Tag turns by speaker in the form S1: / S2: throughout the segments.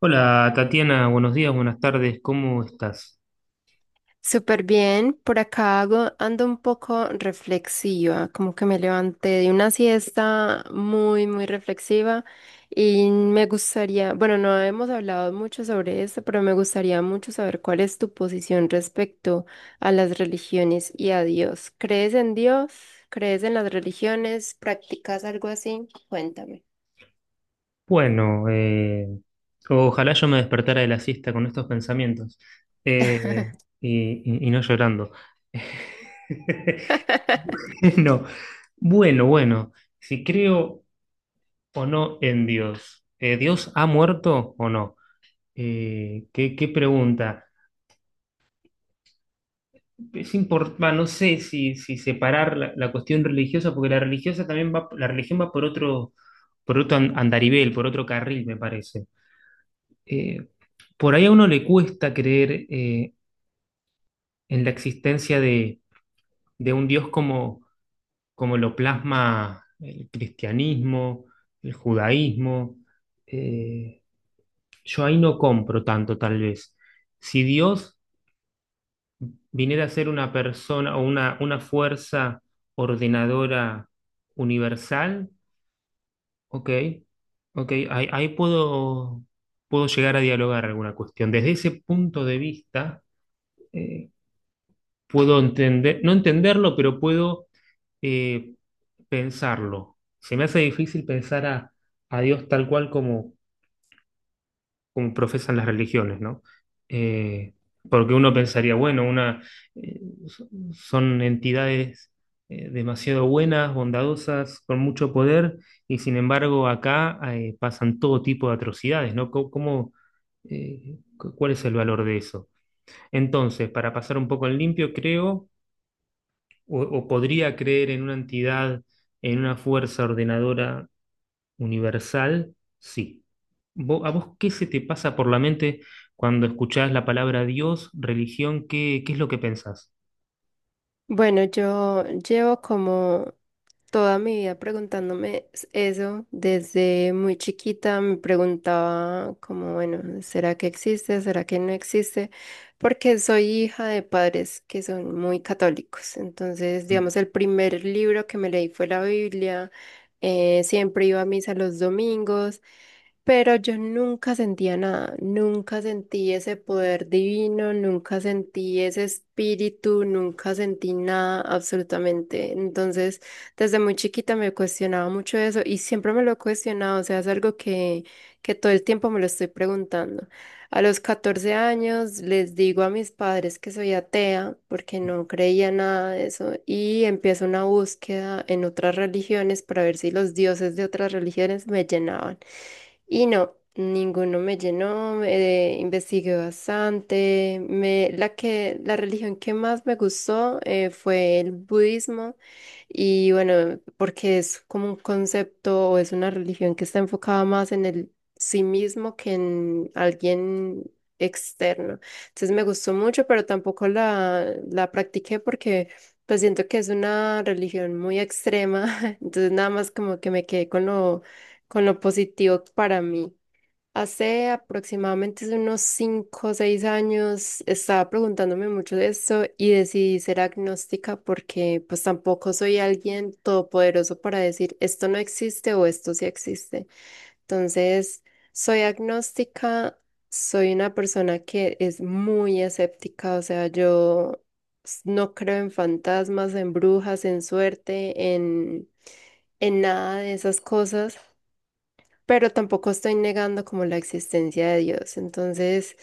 S1: Hola Tatiana, buenos días, buenas tardes, ¿cómo estás?
S2: Súper bien, por acá ando un poco reflexiva, como que me levanté de una siesta muy, muy reflexiva y me gustaría, bueno, no hemos hablado mucho sobre esto, pero me gustaría mucho saber cuál es tu posición respecto a las religiones y a Dios. ¿Crees en Dios? ¿Crees en las religiones? ¿Practicas algo así? Cuéntame.
S1: Bueno, eh, Ojalá yo me despertara de la siesta con estos pensamientos eh, y no llorando. No, bueno, si creo o no en Dios. ¿Dios ha muerto o no? ¿Qué pregunta es importante? No sé si separar la cuestión religiosa, porque la religiosa también va, la religión va por otro andarivel, por otro carril, me parece. Eh, por ahí a uno le cuesta creer en la existencia de un Dios como, como lo plasma el cristianismo, el judaísmo. Eh, yo ahí no compro tanto, tal vez. Si Dios viniera a ser una persona o una fuerza ordenadora universal, ok, ok, ahí puedo, puedo llegar a dialogar alguna cuestión. Desde ese punto de vista, eh, puedo entender, no entenderlo, pero puedo eh, pensarlo. Se me hace difícil pensar a Dios tal cual como, como profesan las religiones, ¿no? Eh, Porque uno pensaría, bueno, una, eh, son entidades demasiado buenas, bondadosas, con mucho poder, y sin embargo acá pasan todo tipo de atrocidades, ¿no? ¿Cómo, cuál es el valor de eso? Entonces, para pasar un poco en limpio, creo, o podría creer en una entidad, en una fuerza ordenadora universal, sí. ¿A vos qué se te pasa por la mente cuando escuchás la palabra Dios, religión? ¿Qué es lo que pensás?
S2: Bueno, yo llevo como toda mi vida preguntándome eso. Desde muy chiquita me preguntaba como, bueno, ¿será que existe? ¿Será que no existe? Porque soy hija de padres que son muy católicos. Entonces, digamos, el primer libro que me leí fue la Biblia. Siempre iba a misa los domingos. Pero yo nunca sentía nada, nunca sentí ese poder divino, nunca sentí ese espíritu, nunca sentí nada absolutamente. Entonces, desde muy chiquita me cuestionaba mucho eso y siempre me lo he cuestionado, o sea, es algo que todo el tiempo me lo estoy preguntando. A los 14 años les digo a mis padres que soy atea porque no creía nada de eso y empiezo una búsqueda en otras religiones para ver si los dioses de otras religiones me llenaban. Y no, ninguno me llenó, investigué bastante. La religión que más me gustó fue el budismo y bueno, porque es como un concepto o es una religión que está enfocada más en el sí mismo que en alguien externo. Entonces me gustó mucho, pero tampoco la practiqué porque pues siento que es una religión muy extrema. Entonces nada más como que me quedé con con lo positivo para mí. Hace aproximadamente unos 5 o 6 años estaba preguntándome mucho de esto y decidí ser agnóstica porque pues tampoco soy alguien todopoderoso para decir esto no existe o esto sí existe. Entonces, soy agnóstica, soy una persona que es muy escéptica, o sea, yo no creo en fantasmas, en brujas, en suerte, en nada de esas cosas pero tampoco estoy negando como la existencia de Dios. Entonces,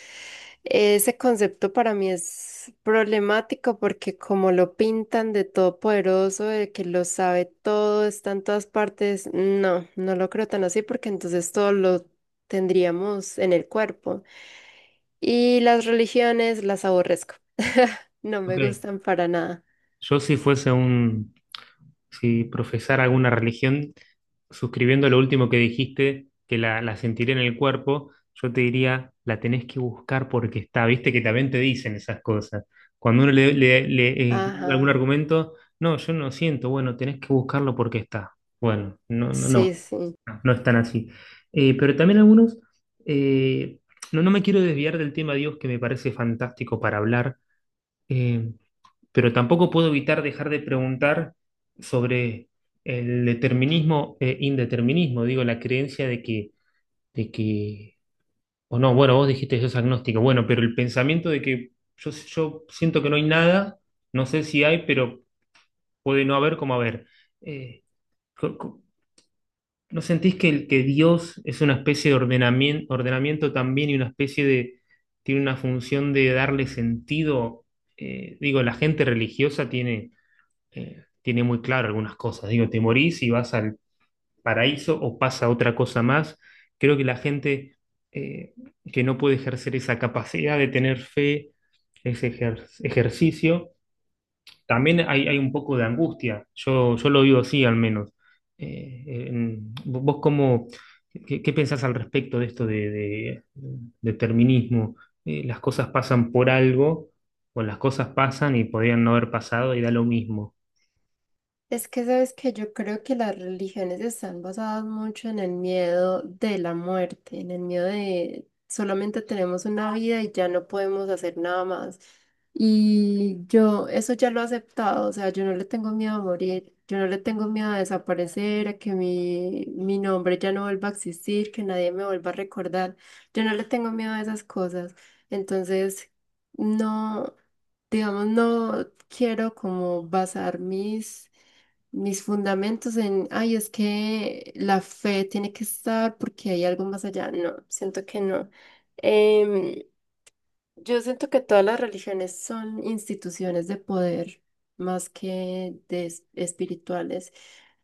S2: ese concepto para mí es problemático porque como lo pintan de todopoderoso, de que lo sabe todo, está en todas partes, no, no lo creo tan así porque entonces todo lo tendríamos en el cuerpo. Y las religiones las aborrezco. No
S1: Ok,
S2: me gustan para nada.
S1: yo si fuese un, si profesara alguna religión, suscribiendo lo último que dijiste, que la sentiré en el cuerpo, yo te diría, la tenés que buscar porque está, viste que también te dicen esas cosas. Cuando uno le
S2: Ajá.
S1: algún argumento, no, yo no siento, bueno, tenés que buscarlo porque está. Bueno, no, no, no,
S2: Sí, sí.
S1: no están así. Pero también algunos, eh, no, no me quiero desviar del tema Dios, que me parece fantástico para hablar, eh, pero tampoco puedo evitar dejar de preguntar sobre el determinismo e indeterminismo. Digo, la creencia de que, o no, bueno, vos dijiste que sos agnóstico, bueno, pero el pensamiento de que yo siento que no hay nada, no sé si hay, pero puede no haber como haber. Eh, co- co- ¿No sentís que el que Dios es una especie de ordenamiento, ordenamiento también y una especie de, tiene una función de darle sentido? Digo, la gente religiosa tiene, tiene muy claro algunas cosas. Digo, te morís y vas al paraíso o pasa otra cosa más. Creo que la gente eh, que no puede ejercer esa capacidad de tener fe, ese ejercicio, también hay un poco de angustia. Yo lo vivo así al menos. ¿Vos cómo, qué pensás al respecto de esto de determinismo? ¿Las cosas pasan por algo, o las cosas pasan y podrían no haber pasado y da lo mismo?
S2: Es que sabes que yo creo que las religiones están basadas mucho en el miedo de la muerte, en el miedo de solamente tenemos una vida y ya no podemos hacer nada más. Y yo eso ya lo he aceptado, o sea, yo no le tengo miedo a morir, yo no le tengo miedo a desaparecer, a que mi nombre ya no vuelva a existir, que nadie me vuelva a recordar, yo no le tengo miedo a esas cosas. Entonces, no, digamos, no quiero como basar mis fundamentos en, ay, es que la fe tiene que estar porque hay algo más allá. No, siento que no. Em, yo siento que todas las religiones son instituciones de poder más que de espirituales.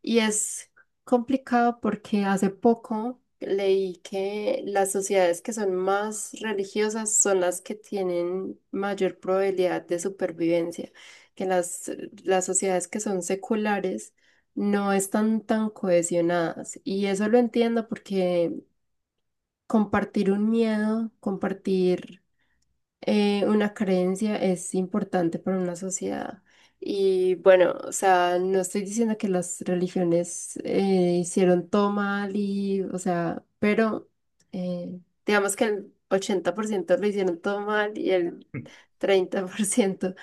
S2: Y es complicado porque hace poco leí que las sociedades que son más religiosas son las que tienen mayor probabilidad de supervivencia, que las sociedades que son seculares no están tan cohesionadas. Y eso lo entiendo porque compartir un miedo, compartir una creencia es importante para una sociedad. Y bueno, o sea, no estoy diciendo que las religiones hicieron todo mal y, o sea, pero eh, digamos que el 80% lo hicieron todo mal y el 30%.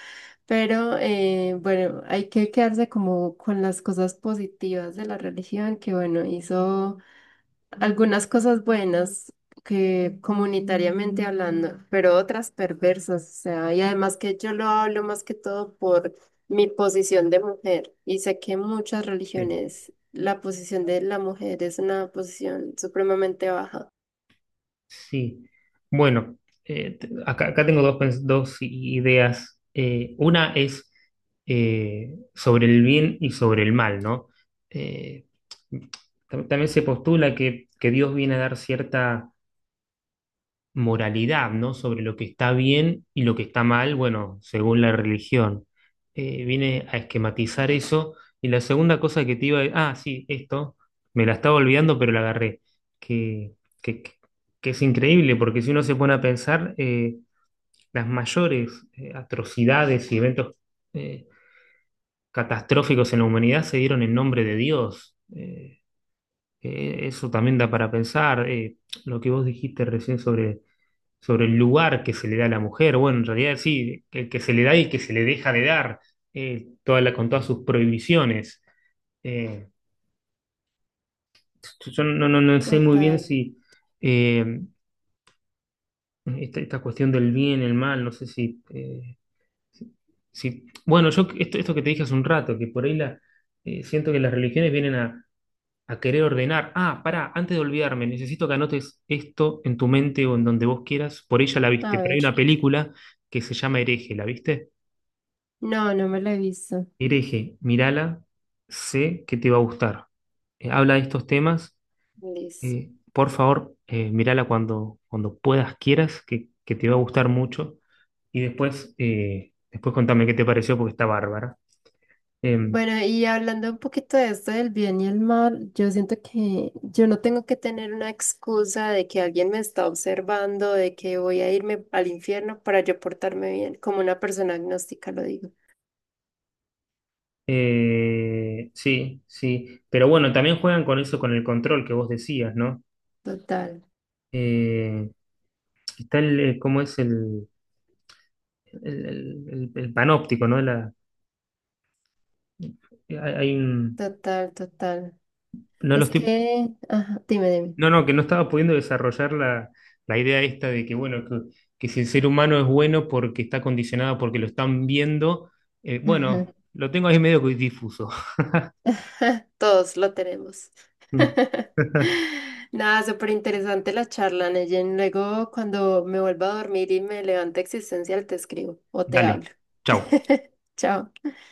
S2: Pero bueno, hay que quedarse como con las cosas positivas de la religión, que bueno, hizo algunas cosas buenas que comunitariamente hablando, pero otras perversas, o sea, y además que yo lo hablo más que todo por mi posición de mujer, y sé que en muchas religiones la posición de la mujer es una posición supremamente baja.
S1: Sí, bueno, acá, acá tengo dos, dos ideas. Una es sobre el bien y sobre el mal, ¿no? Eh, También se postula que Dios viene a dar cierta moralidad, ¿no? Sobre lo que está bien y lo que está mal, bueno, según la religión. Viene a esquematizar eso. Y la segunda cosa que te iba a... Ah, sí, esto, me la estaba olvidando, pero la agarré. Que, que, que- es increíble, porque si uno se pone a pensar, las mayores atrocidades y eventos eh, catastróficos en la humanidad se dieron en nombre de Dios. Eso también da para pensar. Lo que vos dijiste recién sobre sobre el lugar que se le da a la mujer. Bueno, en realidad sí, que se le da y que se le deja de dar, con todas sus prohibiciones. Eh, yo no sé muy bien
S2: Total.
S1: si eh, esta cuestión del bien, el mal, no sé si... si- si, bueno, yo esto, esto que te dije hace un rato, que por ahí la, siento que las religiones vienen a querer ordenar. Ah, pará, antes de olvidarme, necesito que anotes esto en tu mente o en donde vos quieras. Por ella la
S2: A
S1: viste, pero hay
S2: ver.
S1: una película que se llama Hereje, ¿la viste?
S2: No, no me la he visto.
S1: Hereje, mírala, sé que te va a gustar. Habla de estos temas,
S2: Listo.
S1: por favor, mírala cuando, cuando puedas, quieras, que te va a gustar mucho. Y después, después contame qué te pareció porque está bárbara. Eh,
S2: Bueno, y hablando un poquito de esto del bien y el mal, yo siento que yo no tengo que tener una excusa de que alguien me está observando, de que voy a irme al infierno para yo portarme bien, como una persona agnóstica lo digo.
S1: sí, sí. Pero bueno, también juegan con eso, con el control que vos decías, ¿no?
S2: Total,
S1: Eh, Está el, ¿cómo es el, el- el panóptico, ¿no? La, hay un,
S2: total, total.
S1: no lo
S2: Es
S1: estoy.
S2: que, ajá, dime, dime.
S1: No, no, que no estaba pudiendo desarrollar la, la idea esta de que, bueno, que si el ser humano es bueno porque está condicionado, porque lo están viendo, bueno, lo tengo ahí medio que difuso.
S2: Todos lo tenemos. Nada, súper interesante la charla, Neyen. Luego, cuando me vuelva a dormir y me levante existencial, te escribo o te
S1: Dale,
S2: hablo.
S1: chau.
S2: Chao.